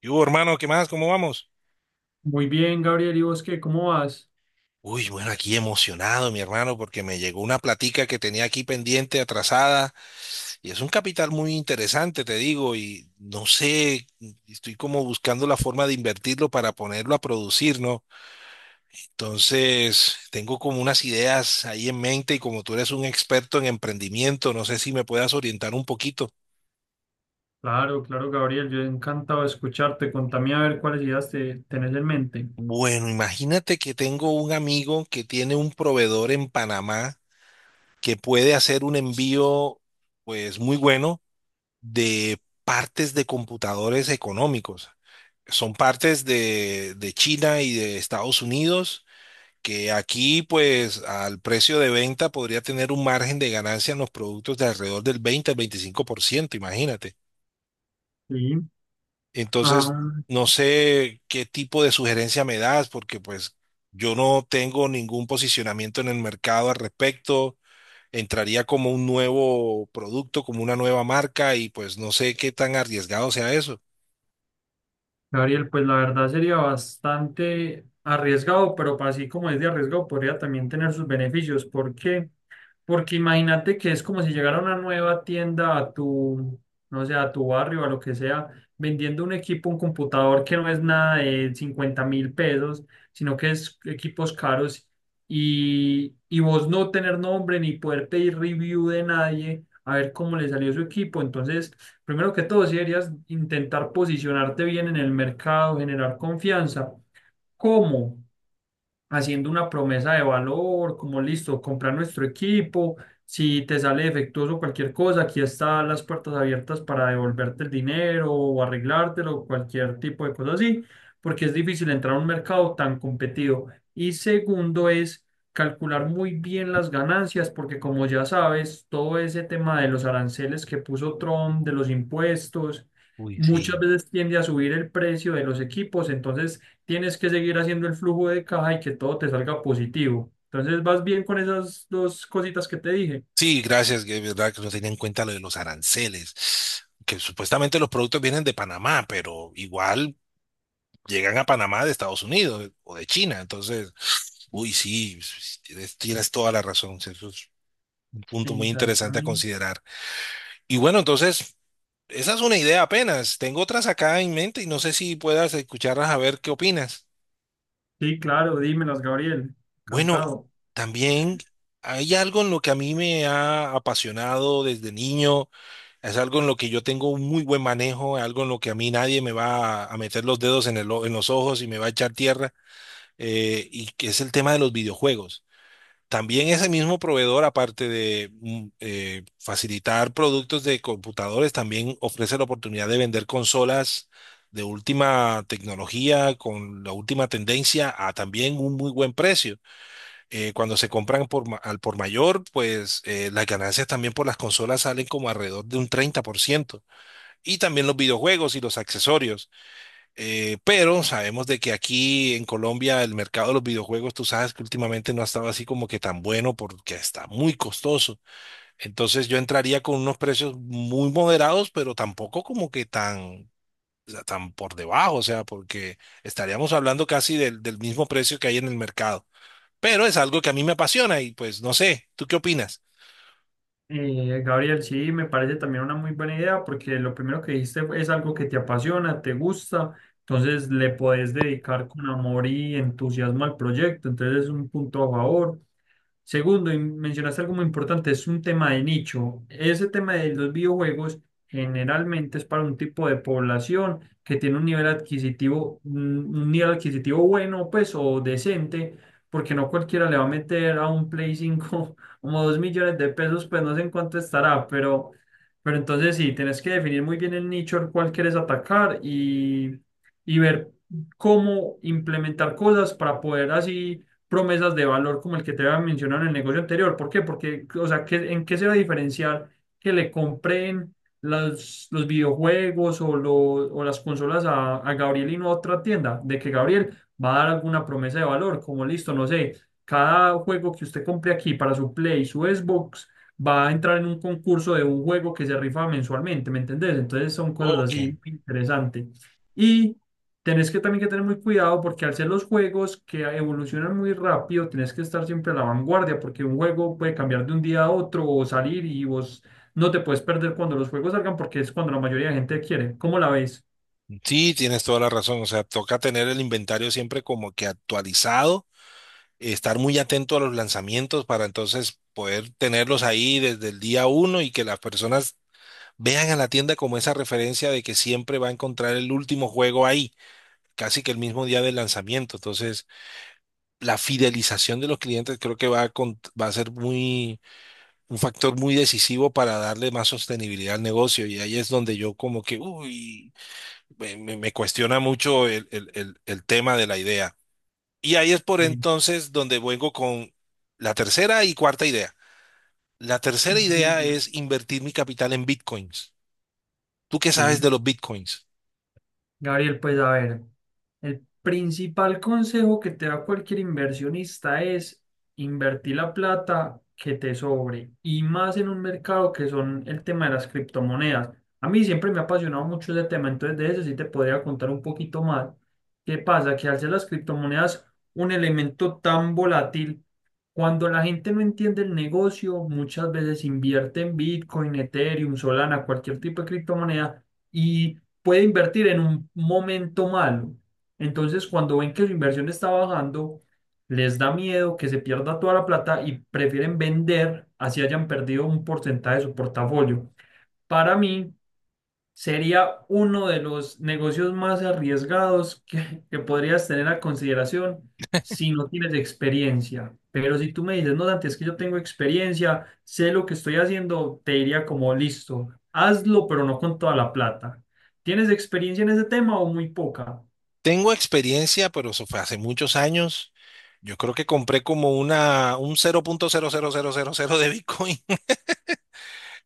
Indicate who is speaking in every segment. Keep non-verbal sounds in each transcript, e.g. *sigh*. Speaker 1: ¿Y hubo, hermano? ¿Qué más? ¿Cómo vamos?
Speaker 2: Muy bien, Gabriel, ¿y vos qué? ¿Cómo vas?
Speaker 1: Uy, bueno, aquí emocionado, mi hermano, porque me llegó una platica que tenía aquí pendiente, atrasada, y es un capital muy interesante, te digo, y no sé, estoy como buscando la forma de invertirlo para ponerlo a producir, ¿no? Entonces, tengo como unas ideas ahí en mente y como tú eres un experto en emprendimiento, no sé si me puedas orientar un poquito.
Speaker 2: Claro, claro, Gabriel, yo encantado de escucharte. Contame a ver cuáles ideas tenés en mente.
Speaker 1: Bueno, imagínate que tengo un amigo que tiene un proveedor en Panamá que puede hacer un envío pues muy bueno de partes de computadores económicos. Son partes de China y de Estados Unidos que aquí pues al precio de venta podría tener un margen de ganancia en los productos de alrededor del 20 al 25%, imagínate.
Speaker 2: Sí.
Speaker 1: Entonces,
Speaker 2: Ah,
Speaker 1: no sé qué tipo de sugerencia me das porque pues yo no tengo ningún posicionamiento en el mercado al respecto. Entraría como un nuevo producto, como una nueva marca y pues no sé qué tan arriesgado sea eso.
Speaker 2: Gabriel, pues la verdad sería bastante arriesgado, pero así como es de arriesgado, podría también tener sus beneficios. ¿Por qué? Porque imagínate que es como si llegara una nueva tienda a tu, no sé, a tu barrio, a lo que sea, vendiendo un equipo, un computador que no es nada de 50.000 pesos, sino que es equipos caros y vos no tener nombre ni poder pedir review de nadie, a ver cómo le salió su equipo. Entonces, primero que todo, si deberías intentar posicionarte bien en el mercado, generar confianza. ¿Cómo? Haciendo una promesa de valor, como listo, comprar nuestro equipo, si te sale defectuoso cualquier cosa, aquí están las puertas abiertas para devolverte el dinero o arreglártelo, cualquier tipo de cosa así, porque es difícil entrar a un mercado tan competido. Y segundo es calcular muy bien las ganancias, porque como ya sabes, todo ese tema de los aranceles que puso Trump, de los impuestos,
Speaker 1: Uy,
Speaker 2: muchas
Speaker 1: sí.
Speaker 2: veces tiende a subir el precio de los equipos, entonces tienes que seguir haciendo el flujo de caja y que todo te salga positivo. Entonces, ¿vas bien con esas dos cositas que te dije?
Speaker 1: Sí, gracias, que es verdad que no tenía en cuenta lo de los aranceles, que supuestamente los productos vienen de Panamá, pero igual llegan a Panamá de Estados Unidos o de China. Entonces, uy, sí, tienes, tienes toda la razón, eso es un punto muy interesante a
Speaker 2: Exactamente.
Speaker 1: considerar. Y bueno, entonces, esa es una idea apenas, tengo otras acá en mente y no sé si puedas escucharlas a ver qué opinas.
Speaker 2: Sí, claro, dímelas, Gabriel.
Speaker 1: Bueno,
Speaker 2: Encantado.
Speaker 1: también hay algo en lo que a mí me ha apasionado desde niño, es algo en lo que yo tengo un muy buen manejo, algo en lo que a mí nadie me va a meter los dedos en en los ojos y me va a echar tierra, y que es el tema de los videojuegos. También ese mismo proveedor, aparte de facilitar productos de computadores, también ofrece la oportunidad de vender consolas de última tecnología, con la última tendencia, a también un muy buen precio cuando se compran al por mayor, pues las ganancias también por las consolas salen como alrededor de un 30%. Y también los videojuegos y los accesorios. Pero sabemos de que aquí en Colombia el mercado de los videojuegos, tú sabes que últimamente no ha estado así como que tan bueno porque está muy costoso. Entonces yo entraría con unos precios muy moderados, pero tampoco como que tan, o sea, tan por debajo, o sea, porque estaríamos hablando casi del mismo precio que hay en el mercado, pero es algo que a mí me apasiona y pues no sé, ¿tú qué opinas?
Speaker 2: Gabriel, sí, me parece también una muy buena idea porque lo primero que dijiste fue- es algo que te apasiona, te gusta, entonces le podés dedicar con amor y entusiasmo al proyecto, entonces es un punto a favor. Segundo, y mencionaste algo muy importante, es un tema de nicho. Ese tema de los videojuegos generalmente es para un tipo de población que tiene un nivel adquisitivo, un nivel adquisitivo bueno, pues, o decente, porque no cualquiera le va a meter a un Play 5 *laughs* como 2.000.000 de pesos, pues no sé en cuánto estará, pero entonces sí, tienes que definir muy bien el nicho al cual quieres atacar y ver cómo implementar cosas para poder así promesas de valor como el que te había mencionado en el negocio anterior. ¿Por qué? Porque, o sea, ¿qué- ¿en qué se va a diferenciar que le compren las- los videojuegos o, lo- o las consolas a Gabriel y no a otra tienda? De que Gabriel va a dar alguna promesa de valor, como listo, no sé, cada juego que usted compre aquí para su Play, su Xbox, va a entrar en un concurso de un juego que se rifa mensualmente, ¿me entendés? Entonces son cosas
Speaker 1: Ok.
Speaker 2: así muy interesantes. Y tenés que también que tener muy cuidado porque al ser los juegos que evolucionan muy rápido, tenés que estar siempre a la vanguardia porque un juego puede cambiar de un día a otro o salir y vos no te puedes perder cuando los juegos salgan porque es cuando la mayoría de gente quiere. ¿Cómo la ves?
Speaker 1: Sí, tienes toda la razón, o sea, toca tener el inventario siempre como que actualizado, estar muy atento a los lanzamientos para entonces poder tenerlos ahí desde el día uno y que las personas vean a la tienda como esa referencia de que siempre va a encontrar el último juego ahí, casi que el mismo día del lanzamiento. Entonces, la fidelización de los clientes creo que va a ser muy un factor muy decisivo para darle más sostenibilidad al negocio. Y ahí es donde yo como que, uy, me cuestiona mucho el tema de la idea. Y ahí es por
Speaker 2: Sí.
Speaker 1: entonces donde vengo con la tercera y cuarta idea. La tercera idea
Speaker 2: Dina.
Speaker 1: es invertir mi capital en bitcoins. ¿Tú qué sabes
Speaker 2: Sí.
Speaker 1: de los bitcoins?
Speaker 2: Gabriel, pues a ver, el principal consejo que te da cualquier inversionista es invertir la plata que te sobre y más en un mercado que son el tema de las criptomonedas. A mí siempre me ha apasionado mucho ese tema, entonces de eso sí te podría contar un poquito más. ¿Qué pasa? Que al ser las criptomonedas un elemento tan volátil, cuando la gente no entiende el negocio, muchas veces invierte en Bitcoin, Ethereum, Solana, cualquier tipo de criptomoneda. Y puede invertir en un momento malo. Entonces, cuando ven que su inversión está bajando, les da miedo que se pierda toda la plata y prefieren vender, así hayan perdido un porcentaje de su portafolio. Para mí, sería uno de los negocios más arriesgados que podrías tener a consideración si no tienes experiencia. Pero si tú me dices, no, Dante, es que yo tengo experiencia, sé lo que estoy haciendo, te diría como, listo, hazlo, pero no con toda la plata. ¿Tienes experiencia en ese tema o muy poca?
Speaker 1: Tengo experiencia, pero eso fue hace muchos años. Yo creo que compré como un cero punto cero cero cero punto cero de bitcoin.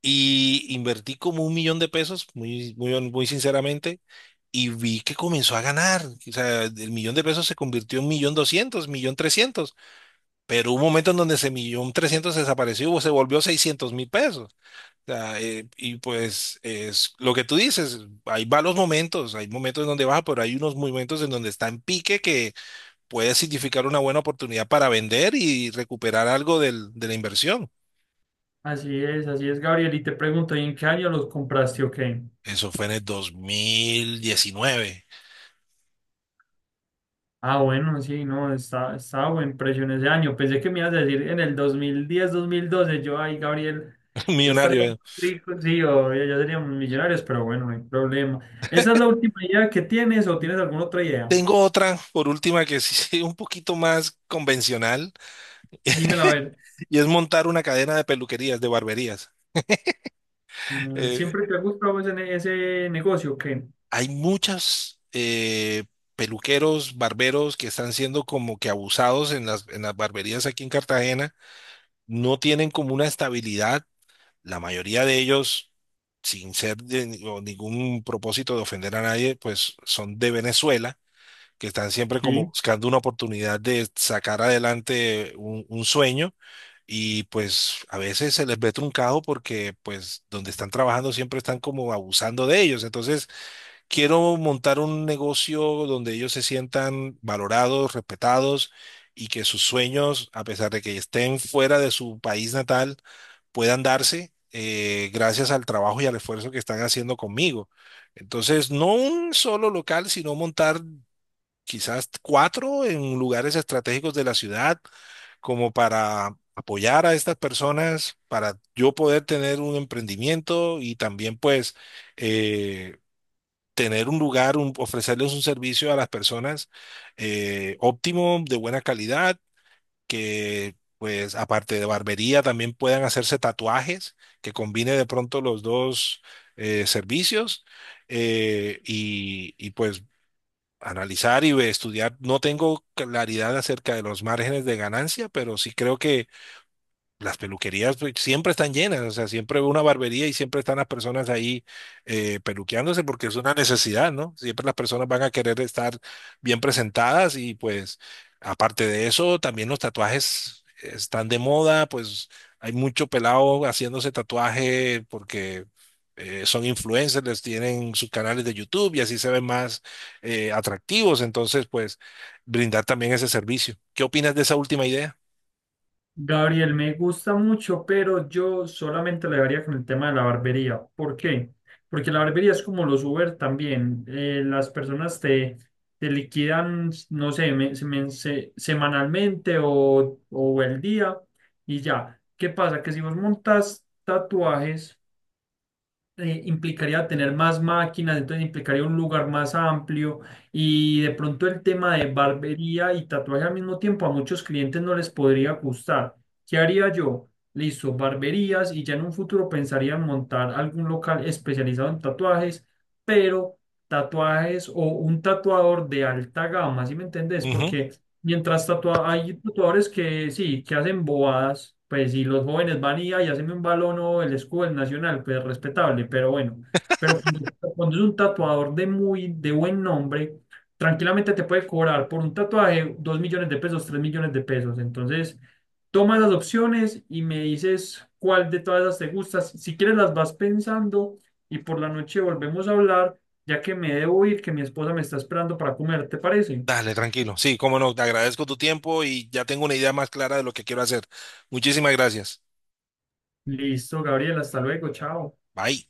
Speaker 1: Y invertí como un millón de pesos, muy, muy, muy sinceramente, y vi que comenzó a ganar. O sea, el millón de pesos se convirtió en millón doscientos, millón trescientos. Pero hubo un momento en donde ese millón trescientos desapareció, o se volvió seiscientos mil pesos. O sea, y pues es lo que tú dices, hay malos momentos, hay momentos en donde baja, pero hay unos momentos en donde está en pique que puede significar una buena oportunidad para vender y recuperar algo de la inversión.
Speaker 2: Así es, Gabriel. Y te pregunto, ¿y en qué año los compraste o qué?
Speaker 1: Eso fue en el dos mil diecinueve.
Speaker 2: Ah, bueno, sí, no, está, estaba buen precio en ese año. Pensé que me ibas a decir en el 2010, 2012, yo, ay, Gabriel,
Speaker 1: *laughs*
Speaker 2: yo estaría muy
Speaker 1: Millonario.
Speaker 2: rico, sí, o ya seríamos millonarios, pero bueno, no hay problema. ¿Esa es la última idea que tienes o
Speaker 1: eh.
Speaker 2: tienes alguna otra idea?
Speaker 1: Tengo otra, por última, que sí *laughs* es un poquito más convencional
Speaker 2: Dímela a ver.
Speaker 1: y es montar una cadena de peluquerías, de barberías.
Speaker 2: Mm,
Speaker 1: Eh,
Speaker 2: ¿siempre te ha gustado ese, ne- ese negocio? ¿O qué?
Speaker 1: Hay muchas peluqueros, barberos que están siendo como que abusados en en las barberías aquí en Cartagena. No tienen como una estabilidad. La mayoría de ellos, sin ser de ni- o ningún propósito de ofender a nadie, pues son de Venezuela que están siempre como
Speaker 2: Sí.
Speaker 1: buscando una oportunidad de sacar adelante un sueño y pues a veces se les ve truncado porque pues donde están trabajando siempre están como abusando de ellos. Entonces quiero montar un negocio donde ellos se sientan valorados, respetados y que sus sueños, a pesar de que estén fuera de su país natal, puedan darse, gracias al trabajo y al esfuerzo que están haciendo conmigo. Entonces, no un solo local, sino montar quizás cuatro en lugares estratégicos de la ciudad, como para apoyar a estas personas, para yo poder tener un emprendimiento y también pues eh, tener un lugar, ofrecerles un servicio a las personas óptimo, de buena calidad, que pues aparte de barbería también puedan hacerse tatuajes, que combine de pronto los dos servicios y pues analizar y estudiar. No tengo claridad acerca de los márgenes de ganancia, pero sí creo que las peluquerías pues, siempre están llenas, o sea, siempre veo una barbería y siempre están las personas ahí peluqueándose porque es una necesidad, ¿no? Siempre las personas van a querer estar bien presentadas y pues aparte de eso, también los tatuajes están de moda, pues hay mucho pelado haciéndose tatuaje porque son influencers, les tienen sus canales de YouTube y así se ven más atractivos, entonces pues brindar también ese servicio. ¿Qué opinas de esa última idea?
Speaker 2: Gabriel, me gusta mucho, pero yo solamente le daría con el tema de la barbería. ¿Por qué? Porque la barbería es como los Uber también. Las personas te, te liquidan, no sé, semanalmente o el día y ya. ¿Qué pasa? Que si vos montas tatuajes implicaría tener más máquinas, entonces implicaría un lugar más amplio y de pronto el tema de barbería y tatuaje al mismo tiempo a muchos clientes no les podría gustar. ¿Qué haría yo? Listo, barberías y ya en un futuro pensaría en montar algún local especializado en tatuajes, pero tatuajes o un tatuador de alta gama, ¿sí me entendés?
Speaker 1: Ujú.
Speaker 2: Porque mientras hay tatuadores que sí, que hacen bobadas, pues si los jóvenes van y, ay, hacen un balón o el escudo del Nacional, pues respetable, pero bueno. Pero cuando, cuando es un tatuador de muy, de buen nombre, tranquilamente te puede cobrar por un tatuaje 2.000.000 de pesos, 3.000.000 de pesos. Entonces, toma las opciones y me dices cuál de todas esas te gusta. Si si quieres las vas pensando y por la noche volvemos a hablar, ya que me debo ir, que mi esposa me está esperando para comer, ¿te parece?
Speaker 1: Dale, tranquilo. Sí, cómo no, te agradezco tu tiempo y ya tengo una idea más clara de lo que quiero hacer. Muchísimas gracias.
Speaker 2: Listo, Gabriel, hasta luego, chao.
Speaker 1: Bye.